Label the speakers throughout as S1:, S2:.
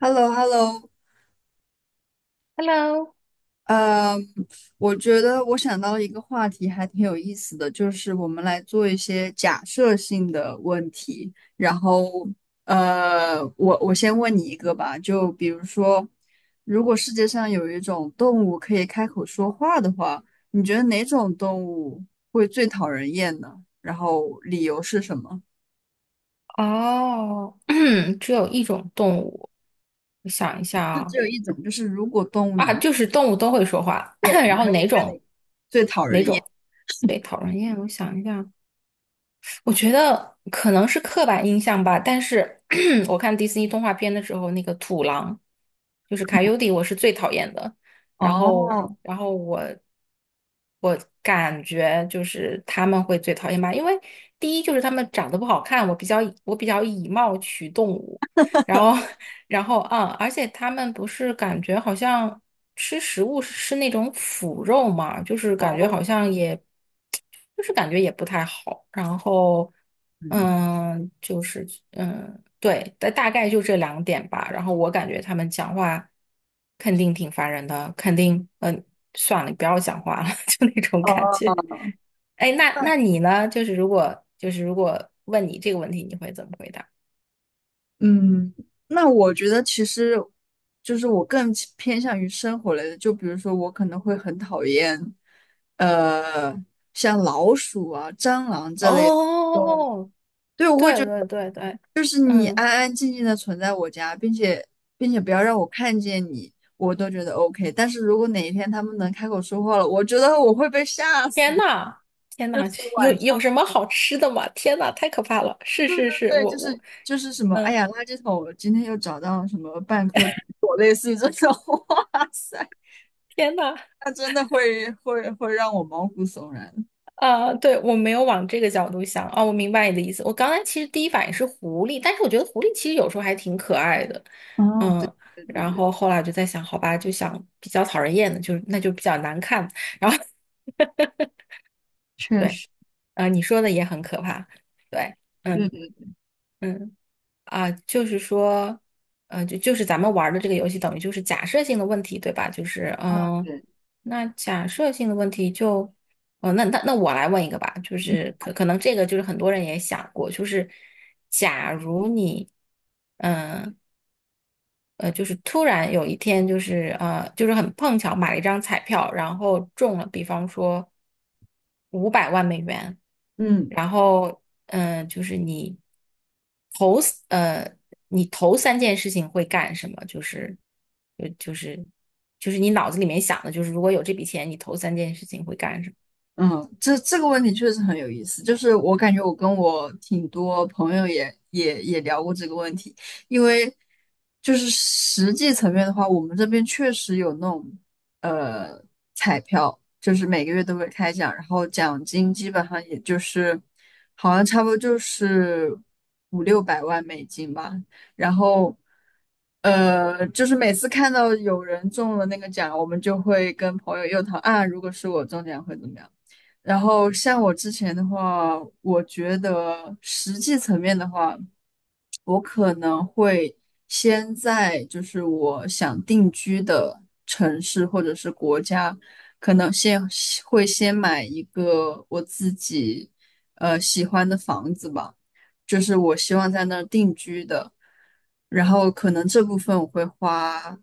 S1: h e l l o h e l l o
S2: Hello，
S1: 呃，我觉得我想到了一个话题，还挺有意思的，就是我们来做一些假设性的问题。我先问你一个吧，就比如说，如果世界上有一种动物可以开口说话的话，你觉得哪种动物会最讨人厌呢？然后理由是什么？
S2: 哦，只有一种动物，我想一下
S1: 就只
S2: 啊，
S1: 有一种，就是如果动物
S2: 啊，
S1: 能，
S2: 就是动物都会说话，
S1: 对，你
S2: 然后
S1: 还会
S2: 哪
S1: 跟
S2: 种
S1: 你，
S2: 哪种？对，讨人厌，我想一下，我觉得可能是刻板印象吧，但是 我看迪士尼动画片的时候，那个土狼就是卡尤迪，我是最讨厌的。然后，
S1: 哦，
S2: 然后我感觉就是他们会最讨厌吧，因为第一就是他们长得不好看，我比较以貌取动物。然后，然后，而且他们不是感觉好像吃食物是吃那种腐肉嘛，就是感觉
S1: 哦，
S2: 好像也，就是感觉也不太好。然后，
S1: 嗯。
S2: 嗯，就是，对，大概就这两点吧。然后我感觉他们讲话肯定挺烦人的，肯定，嗯，算了，你不要讲话了，就那种感觉。
S1: 哦。
S2: 哎，那你呢？就是如果问你这个问题，你会怎么回答？
S1: 嗯，那我觉得其实就是我更倾偏向于生活类的，就比如说我可能会很讨厌，呃，像老鼠啊、蟑螂这类的动物。
S2: 哦，
S1: 对，我会
S2: 对
S1: 觉得
S2: 对对对，
S1: 就是你安
S2: 嗯，
S1: 安静静的存在我家，并且不要让我看见你，我都觉得 OK。但是如果哪一天他们能开口说话了，我觉得我会被吓
S2: 天
S1: 死。
S2: 呐，天呐，
S1: 就是
S2: 有
S1: 晚上，
S2: 有什么好吃的吗？天呐，太可怕了！是是是，
S1: 对，
S2: 我
S1: 就
S2: 我，
S1: 是就是什么，哎
S2: 嗯，
S1: 呀，垃圾桶，我今天又找到什么半颗苹，类似于这种，哇塞。
S2: 天呐，
S1: 他真的会让我毛骨悚然。
S2: 啊、对，我没有往这个角度想啊、我明白你的意思。我刚才其实第一反应是狐狸，但是我觉得狐狸其实有时候还挺可爱的，
S1: 啊！对
S2: 嗯，
S1: 对对
S2: 然
S1: 对，
S2: 后后来我就在想，好吧，就想比较讨人厌的，就那就比较难看，然后
S1: 确
S2: 对，
S1: 实，
S2: 啊、你说的也很可怕，对，
S1: 对
S2: 嗯
S1: 对，
S2: 嗯。啊，就是说，就是咱们玩儿的这个游戏，等于就是假设性的问题，对吧？就是，
S1: 啊
S2: 嗯，
S1: 对，
S2: 那假设性的问题就，哦，那我来问一个吧，就
S1: 嗯
S2: 是可能这个就是很多人也想过，就是假如你，嗯、就是突然有一天，就是很碰巧买了一张彩票，然后中了，比方说500万美元，
S1: 嗯。
S2: 然后就是你头呃，你头三件事情会干什么？就是就就是你脑子里面想的，就是如果有这笔钱，你头三件事情会干什么？
S1: 嗯，这这个问题确实很有意思，就是我感觉我跟我挺多朋友也聊过这个问题，因为就是实际层面的话，我们这边确实有那种呃彩票，就是每个月都会开奖，然后奖金基本上也就是好像差不多就是五六百万美元吧，然后就是每次看到有人中了那个奖，我们就会跟朋友又讨啊，如果是我中奖会怎么样？然后像我之前的话，我觉得实际层面的话，我可能会先在就是我想定居的城市或者是国家，可能先会先买一个我自己喜欢的房子吧。就是我希望在那儿定居的。然后可能这部分我会花，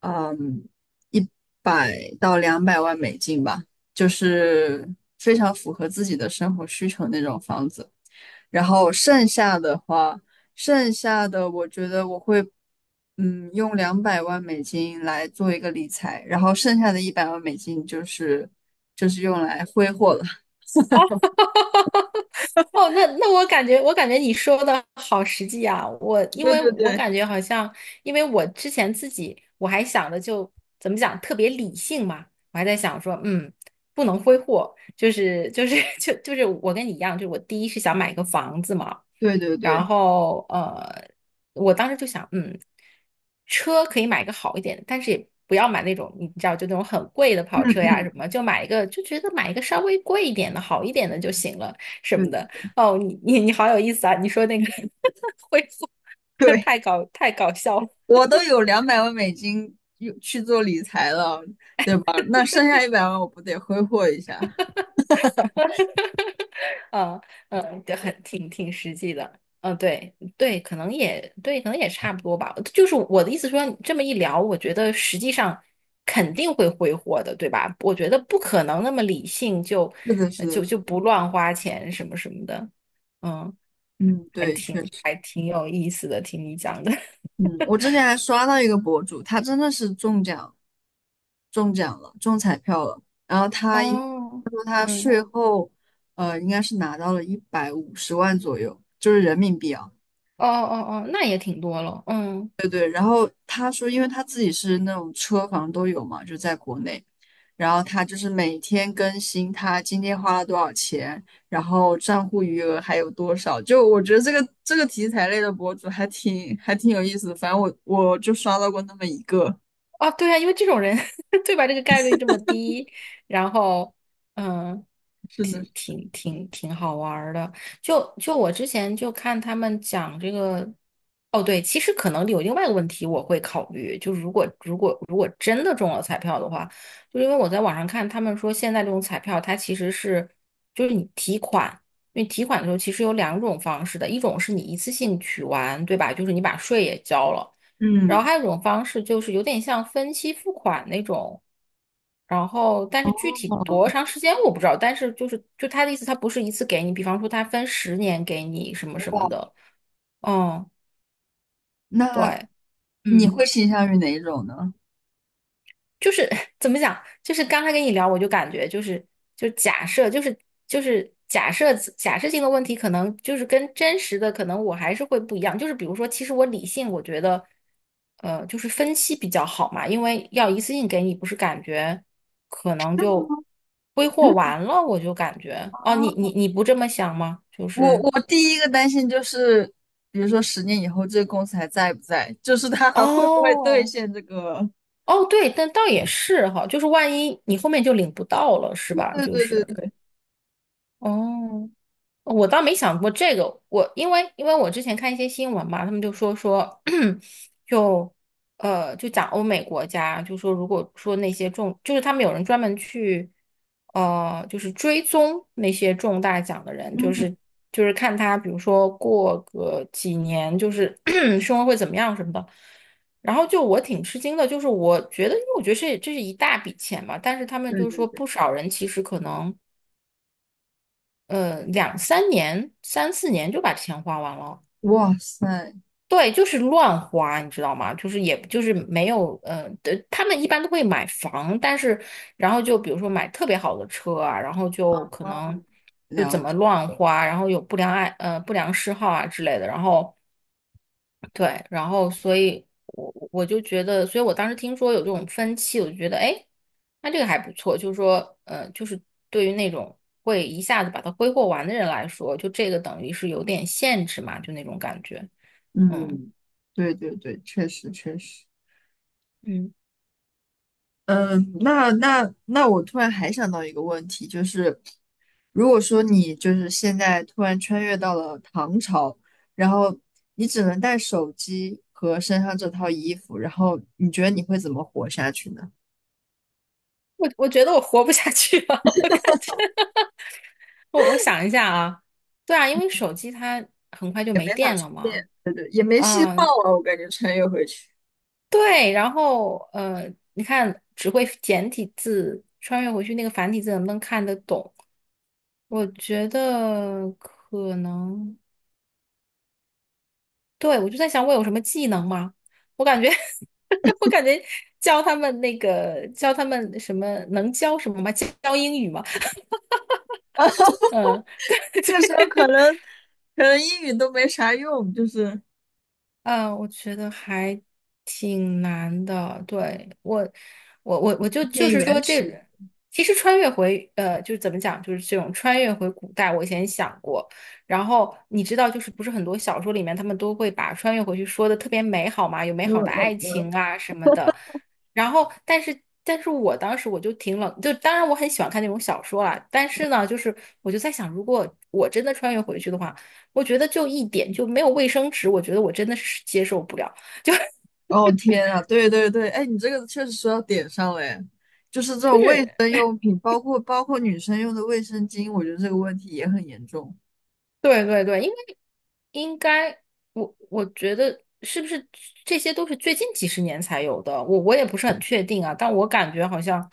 S1: 嗯，100到200万美元吧，就是非常符合自己的生活需求那种房子。然后剩下的话，剩下的我觉得我会，用两百万美金来做一个理财，然后剩下的100万美元就是用来挥霍了。
S2: 哦，那我感觉，你说的好实际啊！因
S1: 对
S2: 为
S1: 对
S2: 我
S1: 对
S2: 感觉好像，因为我之前自己我想的就怎么讲，特别理性嘛，我还在想说，嗯，不能挥霍，就是 就是我跟你一样，就是我第一是想买个房子嘛，
S1: 对对
S2: 然
S1: 对，
S2: 后呃，我当时就想，嗯，车可以买个好一点的，但是也不要买那种你知道就那种很贵的跑车呀
S1: 嗯
S2: 什么，就买一个就觉得买一个稍微贵一点的好一点的就行了。什么
S1: 嗯，
S2: 的。哦，你好有意思啊！你说那个 恢复，
S1: 对 对。
S2: 太搞笑了。
S1: 我都有两百万美金用去做理财了，对吧？那剩下一百万我不得挥霍一下？
S2: 嗯嗯，对，挺实际的。嗯，对对，可能也对，可能也差不多吧。就是我的意思说，这么一聊，我觉得实际上肯定会挥霍的，对吧？我觉得不可能那么理性就
S1: 是的，是的，
S2: 就
S1: 是
S2: 就
S1: 的
S2: 不乱花钱什么什么的。嗯，
S1: 嗯，
S2: 还
S1: 对，
S2: 挺
S1: 确实，
S2: 还挺有意思的，听你讲的。
S1: 嗯，我之前还刷到一个博主，他真的是中奖，中奖了，中彩票了，然后他应
S2: 哦，
S1: 说他
S2: 嗯，
S1: 税后，应该是拿到了150万左右，就是人民币啊。
S2: 哦哦哦，那也挺多了。嗯。
S1: 对对，然后他说，因为他自己是那种车房都有嘛，就在国内，然后他就是每天更新他今天花了多少钱，然后账户余额还有多少。就我觉得这个题材类的博主还挺有意思的，反正我就刷到过那么一个。
S2: 啊，对啊，因为这种人 对吧？这个概率这么低，然后嗯，
S1: 是的，
S2: 挺好玩儿的。就我之前就看他们讲这个，哦对，其实可能有另外一个问题我会考虑，就是如果真的中了彩票的话，就因为我在网上看他们说现在这种彩票它其实是就是你提款。因为提款的时候其实有两种方式的，一种是你一次性取完，对吧？就是你把税也交了。然后
S1: 嗯，
S2: 还有一种方式就是有点像分期付款那种，然后但是具体
S1: 哦，
S2: 多长时间我不知道，但是就他的意思，他不是一次给你，比方说他分十年给你什么什么
S1: 哇
S2: 的，嗯，
S1: 那
S2: 对，
S1: 你会
S2: 嗯。
S1: 倾向于哪一种呢？
S2: 就是 怎么讲，就是刚才跟你聊，我就感觉就是就假设，就是假设性的问题，可能就是跟真实的，可能我还是会不一样。就是比如说，其实我理性，我觉得呃，就是分析比较好嘛，因为要一次性给你，不是感觉可能就挥霍完了，我就感觉哦，你不这么想吗？就
S1: 我
S2: 是
S1: 我第一个担心就是，比如说10年以后这个公司还在不在，就是他还会不会兑
S2: 哦
S1: 现这个。
S2: 哦，对，但倒也是哈，就是万一你后面就领不到了，是吧？
S1: 对
S2: 就
S1: 对对
S2: 是
S1: 对，
S2: 哦。我倒没想过这个，我因为我之前看一些新闻嘛，他们就说，就就讲欧美国家，就说如果说那些中，就是他们有人专门去，呃，就是追踪那些中大奖的人，就
S1: 嗯，
S2: 是就是看他，比如说过个几年，就是 生活会怎么样什么的。然后就我挺吃惊的，就是我觉得，因为我觉得这是一大笔钱嘛，但是他们
S1: 对
S2: 就是
S1: 对
S2: 说
S1: 对，
S2: 不少人其实可能。呃，两三年、三四年就把钱花完了。
S1: 哇塞，
S2: 对，就是乱花，你知道吗？就是也就是没有，呃，对他们一般都会买房，但是然后就比如说买特别好的车啊，然后就可
S1: 啊，
S2: 能就怎
S1: 了
S2: 么
S1: 解，
S2: 乱花，然后有不良嗜好啊之类的，然后对，然后所以我就觉得，所以我当时听说有这种分期，我就觉得，哎，那这个还不错。就是说，呃，就是对于那种会一下子把它挥霍完的人来说，就这个等于是有点限制嘛，就那种感觉。嗯
S1: 嗯，对对对，确实确实，
S2: 嗯，
S1: 嗯，那我突然还想到一个问题，就是如果说你就是现在突然穿越到了唐朝，然后你只能带手机和身上这套衣服，然后你觉得你会怎么活下去呢？
S2: 我觉得我活不下去了，我感觉我想一下啊，对啊，因为手机它很快就
S1: 也
S2: 没
S1: 没法
S2: 电
S1: 穿，
S2: 了嘛。
S1: 对对，也没信号
S2: 嗯，
S1: 了，我感觉穿越回去，
S2: 对，然后呃，你看只会简体字，穿越回去那个繁体字能不能看得懂？我觉得可能，对，我就在想我有什么技能吗？我感觉 我感觉教他们那个教什么吗？教英语吗？嗯，
S1: 那 时候可能可能英语都没啥用，就是。
S2: 嗯，我觉得还挺难的。对，我就就
S1: 偏
S2: 是说
S1: 原
S2: 这，
S1: 始。
S2: 其实穿越回呃，就是怎么讲，就是这种穿越回古代，我以前想过。然后你知道，就是不是很多小说里面他们都会把穿越回去说的特别美好嘛，有美好的爱情啊什么的。然后，但是，但是我当时我就挺冷，就当然我很喜欢看那种小说啦，但是呢，就是我就在想，如果我真的穿越回去的话。我觉得就一点就没有卫生纸，我觉得我真的是接受不了。就
S1: 哦天啊，对对对，哎，你这个确实说到点上了，哎，就是这
S2: 就
S1: 种卫生
S2: 是
S1: 用品，包括女生用的卫生巾，我觉得这个问题也很严重。
S2: 对对对，因为应该我觉得是不是这些都是最近几十年才有的，我也不是很确定啊，但我感觉好像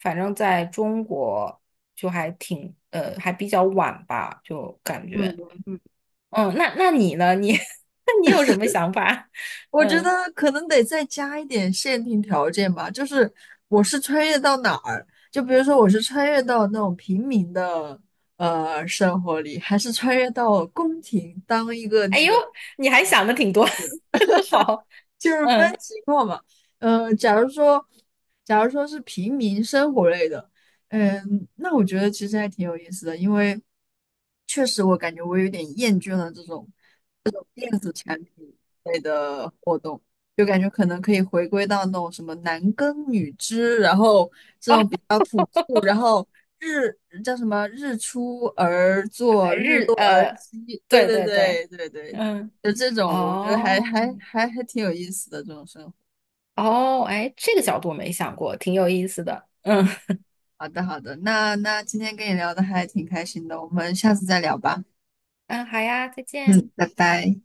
S2: 反正在中国就还挺还比较晚吧，就感
S1: 对
S2: 觉
S1: 对对，
S2: 嗯，那你呢？你 那你有什么想法？
S1: 我觉
S2: 嗯，
S1: 得可能得再加一点限定条件吧，就是我是穿越到哪儿，就比如说我是穿越到那种平民的生活里，还是穿越到宫廷当一个
S2: 哎
S1: 那
S2: 呦，
S1: 个。
S2: 你还想的挺多，好，
S1: 就是分
S2: 嗯。
S1: 情况嘛。呃，假如说，假如说是平民生活类的，那我觉得其实还挺有意思的，因为确实我感觉我有点厌倦了这种电子产品类的活动，就感觉可能可以回归到那种什么男耕女织，然后这
S2: 哦。
S1: 种比较朴素，然后日叫什么日出而作
S2: 日
S1: 息，对
S2: 对
S1: 对
S2: 对对，
S1: 对对对，
S2: 嗯，
S1: 就这种我觉得还
S2: 哦
S1: 还还还挺有意思的这种生活。
S2: 哦，哎，这个角度没想过，挺有意思的。嗯
S1: 好的，好的，那那今天跟你聊的还挺开心的，我们下次再聊吧。
S2: 嗯，好呀，再见。
S1: 嗯，拜拜。